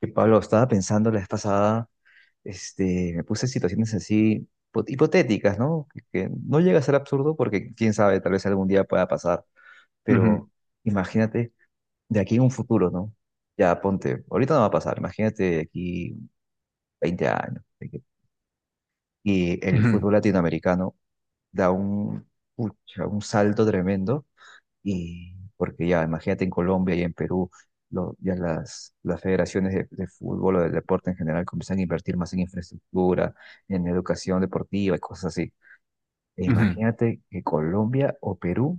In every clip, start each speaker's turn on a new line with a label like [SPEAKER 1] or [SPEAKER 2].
[SPEAKER 1] Que Pablo, estaba pensando la vez pasada, me puse situaciones así hipotéticas, ¿no? Que no llega a ser absurdo porque quién sabe, tal vez algún día pueda pasar.
[SPEAKER 2] Ujú,
[SPEAKER 1] Pero imagínate de aquí en un futuro, ¿no? Ya ponte, ahorita no va a pasar, imagínate de aquí 20 años. Y el fútbol
[SPEAKER 2] ujú,
[SPEAKER 1] latinoamericano da pucha, un salto tremendo y porque ya, imagínate en Colombia y en Perú, ya las federaciones de fútbol o del deporte en general comienzan a invertir más en infraestructura, en educación deportiva y cosas así. E
[SPEAKER 2] ujú.
[SPEAKER 1] imagínate que Colombia o Perú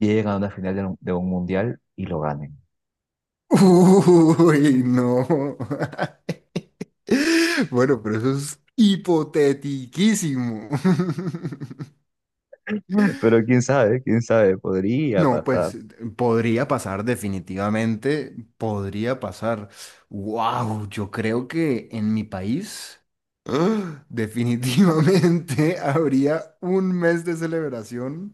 [SPEAKER 1] lleguen a una final de de un mundial y lo ganen.
[SPEAKER 2] Uy, no. Bueno, pero eso es hipotetiquísimo.
[SPEAKER 1] Pero quién sabe, podría
[SPEAKER 2] No,
[SPEAKER 1] pasar.
[SPEAKER 2] pues podría pasar definitivamente, podría pasar. Wow, yo creo que en mi país, ¡ah!, definitivamente habría un mes de celebración.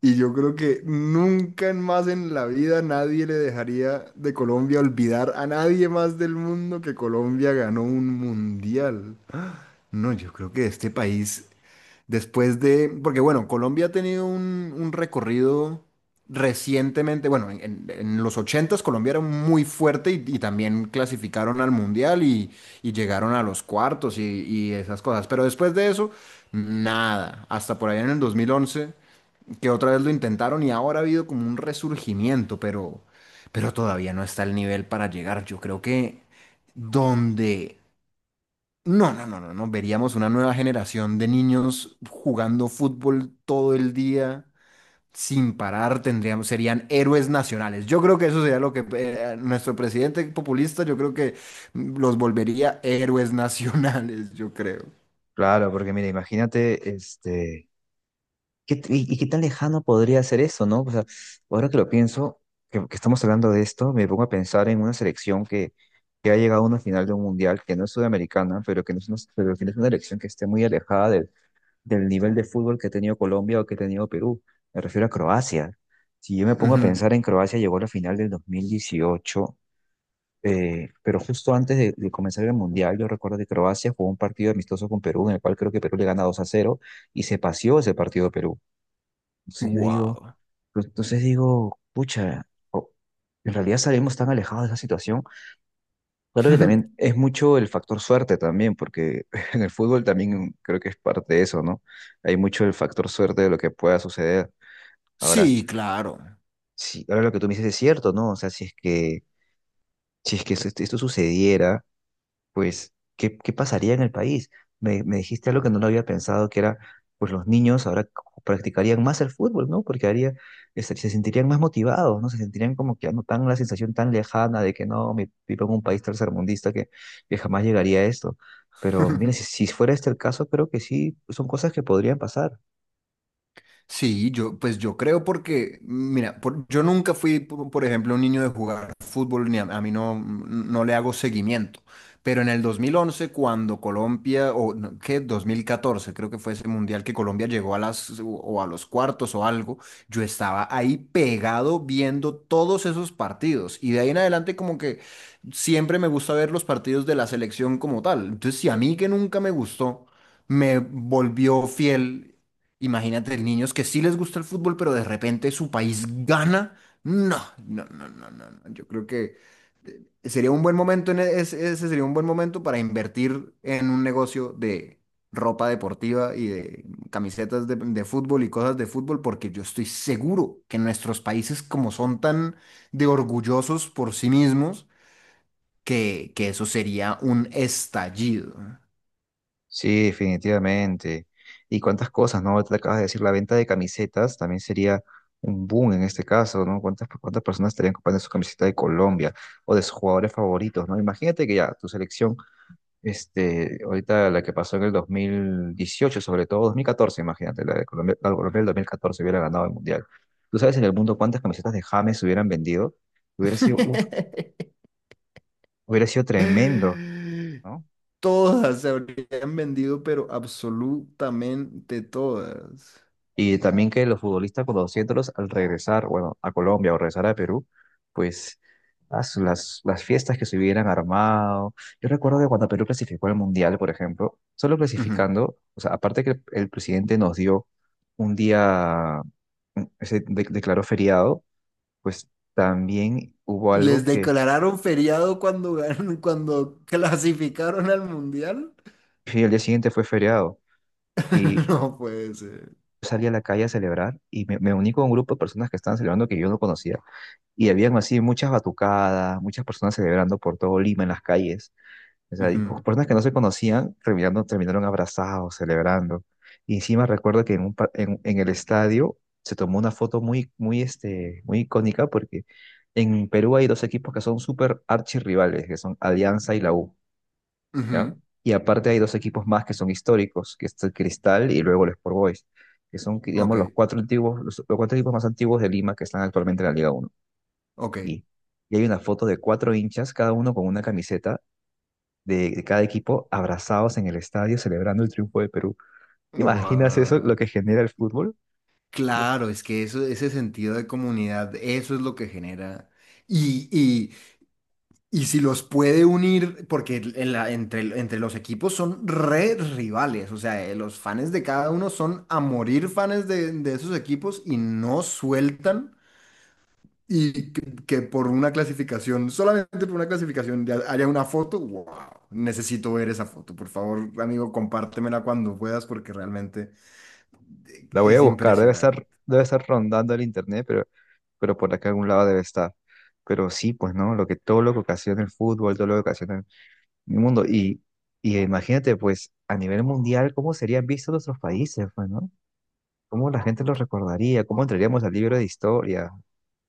[SPEAKER 2] Y yo creo que nunca más en la vida nadie le dejaría de Colombia olvidar a nadie más del mundo que Colombia ganó un mundial. No, yo creo que este país, después de, porque bueno, Colombia ha tenido un recorrido recientemente. Bueno, en los ochentas Colombia era muy fuerte y también clasificaron al mundial y llegaron a los cuartos y esas cosas, pero después de eso, nada, hasta por ahí en el 2011, que otra vez lo intentaron, y ahora ha habido como un resurgimiento, pero todavía no está el nivel para llegar. Yo creo que donde... No, no, no, no, no. Veríamos una nueva generación de niños jugando fútbol todo el día sin parar. Serían héroes nacionales. Yo creo que eso sería lo que nuestro presidente populista, yo creo que los volvería héroes nacionales, yo creo.
[SPEAKER 1] Claro, porque mira, imagínate, este. ¿Y qué tan lejano podría ser eso, ¿no? O sea, ahora que lo pienso, que estamos hablando de esto, me pongo a pensar en una selección que ha llegado a una final de un mundial, que no es sudamericana, pero que no es una elección que esté muy alejada del nivel de fútbol que ha tenido Colombia o que ha tenido Perú. Me refiero a Croacia. Si yo me pongo a
[SPEAKER 2] Ujú.
[SPEAKER 1] pensar en Croacia, llegó a la final del 2018, pero justo antes de comenzar el mundial, yo recuerdo que Croacia jugó un partido amistoso con Perú, en el cual creo que Perú le gana 2 a 0 y se paseó ese partido de Perú. Entonces yo digo,
[SPEAKER 2] Wow.
[SPEAKER 1] pues, entonces digo, pucha, en realidad salimos tan alejados de esa situación. Claro que también es mucho el factor suerte también, porque en el fútbol también creo que es parte de eso, ¿no? Hay mucho el factor suerte de lo que pueda suceder. Ahora,
[SPEAKER 2] Sí, claro.
[SPEAKER 1] si, ahora lo que tú me dices es cierto, ¿no? O sea, si es que esto sucediera, pues, ¿ qué pasaría en el país? Me dijiste algo que no lo había pensado, que era, pues los niños ahora practicarían más el fútbol, ¿no? Porque haría, se sentirían más motivados, ¿no? Se sentirían como que ya no tan la sensación tan lejana de que no, vivo en un país tercermundista que jamás llegaría a esto. Pero mira, si fuera este el caso, creo que sí, son cosas que podrían pasar.
[SPEAKER 2] Sí, yo, pues yo creo porque, mira, yo nunca fui, por ejemplo, un niño de jugar fútbol, ni a mí no le hago seguimiento. Pero en el 2011 cuando Colombia, o no, qué, 2014 creo que fue ese mundial que Colombia llegó a las, o a los cuartos o algo, yo estaba ahí pegado viendo todos esos partidos. Y de ahí en adelante como que siempre me gusta ver los partidos de la selección como tal. Entonces, si a mí que nunca me gustó, me volvió fiel. Imagínate, niños que sí les gusta el fútbol, pero de repente su país gana. No, no, no, no, no. No. Yo creo que sería un buen momento. Ese sería un buen momento para invertir en un negocio de ropa deportiva y de camisetas de fútbol y cosas de fútbol, porque yo estoy seguro que nuestros países, como son tan de orgullosos por sí mismos, que eso sería un estallido.
[SPEAKER 1] Sí, definitivamente. Y cuántas cosas, ¿no? Te acabas de decir, la venta de camisetas también sería un boom en este caso, ¿no? ¿ cuántas personas estarían comprando su camiseta de Colombia o de sus jugadores favoritos, ¿no? Imagínate que ya tu selección, ahorita la que pasó en el 2018, sobre todo 2014, imagínate, la de Colombia del 2014 hubiera ganado el Mundial. ¿Tú sabes en el mundo cuántas camisetas de James hubieran vendido? Hubiera sido, uf, hubiera sido tremendo. ¿No?
[SPEAKER 2] Todas se habrían vendido, pero absolutamente todas.
[SPEAKER 1] Y también que los futbolistas conociéndolos al regresar, bueno, a Colombia o regresar a Perú, pues ah, las fiestas que se hubieran armado. Yo recuerdo que cuando Perú clasificó al Mundial, por ejemplo, solo
[SPEAKER 2] Ujú.
[SPEAKER 1] clasificando, o sea, aparte que el presidente nos dio un día, declaró feriado, pues también hubo
[SPEAKER 2] Les
[SPEAKER 1] algo que
[SPEAKER 2] declararon feriado cuando cuando clasificaron al mundial.
[SPEAKER 1] sí, el día siguiente fue feriado. Y
[SPEAKER 2] No puede ser.
[SPEAKER 1] yo salí a la calle a celebrar y me uní con un grupo de personas que estaban celebrando que yo no conocía y habían así muchas batucadas, muchas personas celebrando por todo Lima en las calles. O sea, y
[SPEAKER 2] Ujú,
[SPEAKER 1] personas que no se conocían terminaron abrazados, celebrando. Y encima recuerdo que en, un, pa- en el estadio se tomó una foto muy icónica porque en Perú hay dos equipos que son súper archirrivales, que son Alianza y la U, ¿ya?
[SPEAKER 2] ujú.
[SPEAKER 1] Y aparte hay dos equipos más que son históricos, que es el Cristal y luego el Sport Boys, que son,
[SPEAKER 2] Ok,
[SPEAKER 1] digamos, los cuatro antiguos, los cuatro equipos más antiguos de Lima que están actualmente en la Liga,
[SPEAKER 2] ok.
[SPEAKER 1] y, y hay una foto de cuatro hinchas, cada uno con una camiseta de cada equipo, abrazados en el estadio celebrando el triunfo de Perú. ¿Te imaginas eso,
[SPEAKER 2] Guau.
[SPEAKER 1] lo que genera el fútbol? Uf,
[SPEAKER 2] Claro, es que eso, ese sentido de comunidad, eso es lo que genera. Y, y si los puede unir, porque entre los equipos son re rivales. O sea, los fans de cada uno son a morir fans de esos equipos, y no sueltan. Y que por una clasificación, solamente por una clasificación, ya haya una foto. Wow, necesito ver esa foto. Por favor, amigo, compártemela cuando puedas, porque realmente
[SPEAKER 1] la voy a
[SPEAKER 2] es
[SPEAKER 1] buscar,
[SPEAKER 2] impresionante.
[SPEAKER 1] debe estar rondando el internet, pero por acá algún lado debe estar. Pero sí, pues no, lo que todo lo que ocasiona el fútbol, todo lo que ocasiona el mundo. Y imagínate, pues, a nivel mundial, cómo serían vistos nuestros países, pues, ¿no? ¿Cómo la gente los recordaría? ¿Cómo entraríamos al libro de historia?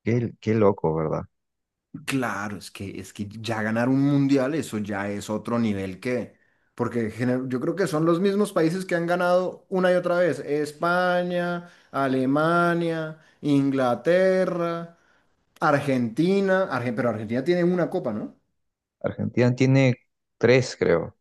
[SPEAKER 1] Qué loco, ¿verdad?
[SPEAKER 2] Claro, es que ya ganar un mundial, eso ya es otro nivel, que, porque yo creo que son los mismos países que han ganado una y otra vez: España, Alemania, Inglaterra, Argentina, pero Argentina tiene una copa, ¿no?
[SPEAKER 1] Argentina tiene tres, creo.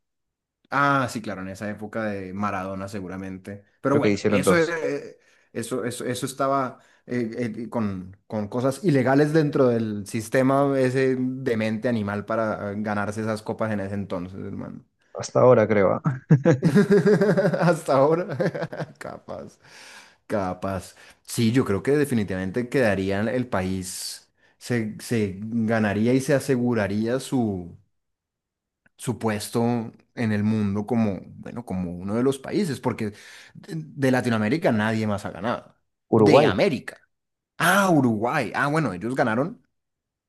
[SPEAKER 2] Ah, sí, claro, en esa época de Maradona seguramente. Pero
[SPEAKER 1] Creo que
[SPEAKER 2] bueno,
[SPEAKER 1] hicieron
[SPEAKER 2] eso,
[SPEAKER 1] dos.
[SPEAKER 2] eso estaba, con cosas ilegales dentro del sistema ese demente animal, para ganarse esas copas en ese entonces, hermano.
[SPEAKER 1] Hasta ahora, creo. Ah.
[SPEAKER 2] Hasta ahora. Capaz, capaz. Sí, yo creo que definitivamente quedaría el país, se ganaría y se aseguraría su puesto en el mundo como, bueno, como uno de los países, porque de Latinoamérica nadie más ha ganado. De
[SPEAKER 1] Uruguay.
[SPEAKER 2] América. Ah, Uruguay. Ah, bueno, ellos ganaron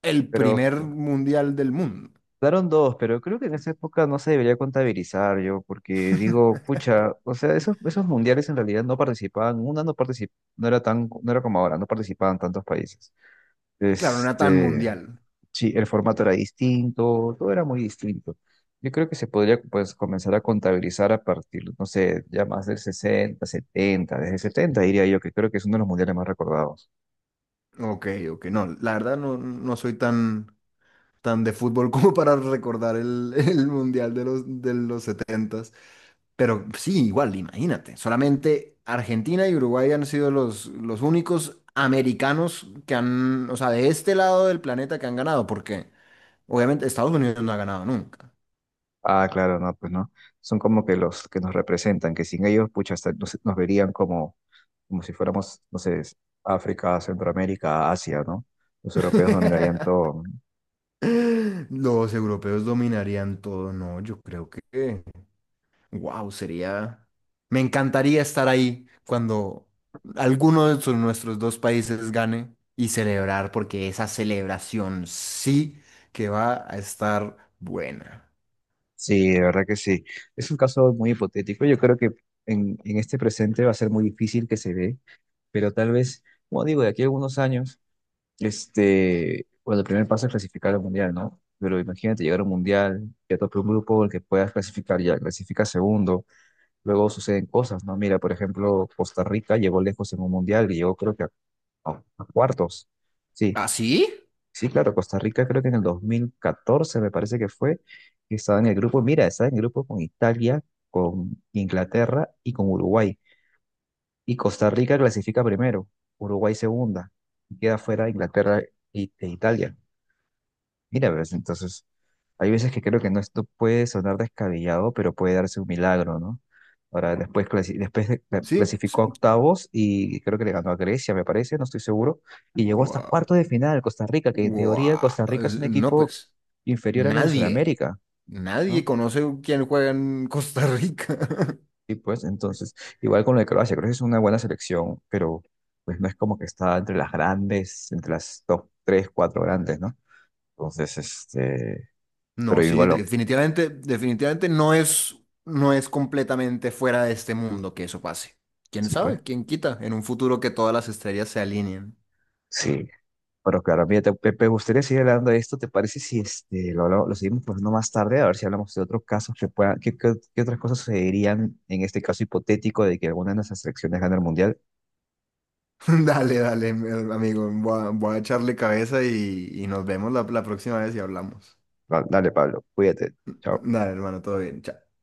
[SPEAKER 2] el
[SPEAKER 1] Pero
[SPEAKER 2] primer mundial del mundo.
[SPEAKER 1] daron dos, pero creo que en esa época no se debería contabilizar yo, porque digo, pucha, o sea, esos mundiales en realidad no participaban, una no particip- no era tan, no era como ahora, no participaban tantos países.
[SPEAKER 2] Claro, no era tan
[SPEAKER 1] Este,
[SPEAKER 2] mundial.
[SPEAKER 1] sí, el formato era distinto, todo era muy distinto. Yo creo que se podría pues comenzar a contabilizar a partir, no sé, ya más del 60, 70, desde 70 diría yo, que creo que es uno de los mundiales más recordados.
[SPEAKER 2] Ok, ok, no, la verdad no, no soy tan, tan de fútbol como para recordar el mundial de los 70. Pero sí, igual, imagínate. Solamente Argentina y Uruguay han sido los únicos americanos que han, o sea, de este lado del planeta, que han ganado, porque obviamente Estados Unidos no ha ganado nunca.
[SPEAKER 1] Ah, claro, no, pues no. Son como que los que nos representan, que sin ellos, pucha, hasta nos verían como, como si fuéramos, no sé, África, Centroamérica, Asia, ¿no? Los europeos dominarían todo.
[SPEAKER 2] Los europeos dominarían todo. No, yo creo que, wow, sería, me encantaría estar ahí cuando alguno de nuestros dos países gane y celebrar, porque esa celebración sí que va a estar buena.
[SPEAKER 1] Sí, de verdad que sí. Es un caso muy hipotético. Yo creo que en este presente va a ser muy difícil que se dé, pero tal vez, como digo, de aquí a algunos años, este, bueno, el primer paso es clasificar al mundial, ¿no? Pero imagínate llegar a un mundial, ya tope un grupo en el que puedas clasificar, ya clasifica segundo, luego suceden cosas, ¿no? Mira, por ejemplo, Costa Rica llegó lejos en un mundial y llegó creo que a cuartos. Sí,
[SPEAKER 2] ¿Ah, sí?
[SPEAKER 1] sí, claro, Costa Rica creo que en el 2014 me parece que fue, que estaba en el grupo, mira, estaba en el grupo con Italia, con Inglaterra y con Uruguay. Y Costa Rica clasifica primero, Uruguay segunda, y queda fuera Inglaterra e Italia. Mira, ves, entonces, hay veces que creo que no, esto puede sonar descabellado, pero puede darse un milagro, ¿no? Ahora, después,
[SPEAKER 2] Sí.
[SPEAKER 1] clasificó a octavos y creo que le ganó a Grecia, me parece, no estoy seguro, y llegó hasta
[SPEAKER 2] Guau,
[SPEAKER 1] cuarto de final, Costa Rica, que en teoría
[SPEAKER 2] guau.
[SPEAKER 1] Costa Rica es un
[SPEAKER 2] No,
[SPEAKER 1] equipo
[SPEAKER 2] pues
[SPEAKER 1] inferior a los de
[SPEAKER 2] nadie,
[SPEAKER 1] Sudamérica,
[SPEAKER 2] nadie
[SPEAKER 1] ¿no?
[SPEAKER 2] conoce quién juega en Costa Rica.
[SPEAKER 1] Y pues, entonces, igual con lo de Croacia, Croacia es una buena selección, pero pues no es como que está entre las grandes, entre las top tres, cuatro grandes, ¿no? Entonces, este,
[SPEAKER 2] No,
[SPEAKER 1] pero
[SPEAKER 2] sí,
[SPEAKER 1] igual,
[SPEAKER 2] definitivamente no es completamente fuera de este mundo que eso pase. ¿Quién
[SPEAKER 1] sí, pues.
[SPEAKER 2] sabe? ¿Quién quita? En un futuro que todas las estrellas se alineen.
[SPEAKER 1] Sí, pero claro, mira, te, me me gustaría seguir hablando de esto. ¿Te parece si este, lo seguimos poniendo más tarde? A ver si hablamos de otros casos que puedan, qué otras cosas sucederían en este caso hipotético de que alguna de nuestras selecciones gane el mundial.
[SPEAKER 2] Dale, dale, amigo. Voy a echarle cabeza, y nos vemos la próxima vez, y hablamos.
[SPEAKER 1] Dale, Pablo, cuídate. Chao.
[SPEAKER 2] Dale, hermano, todo bien. Chao.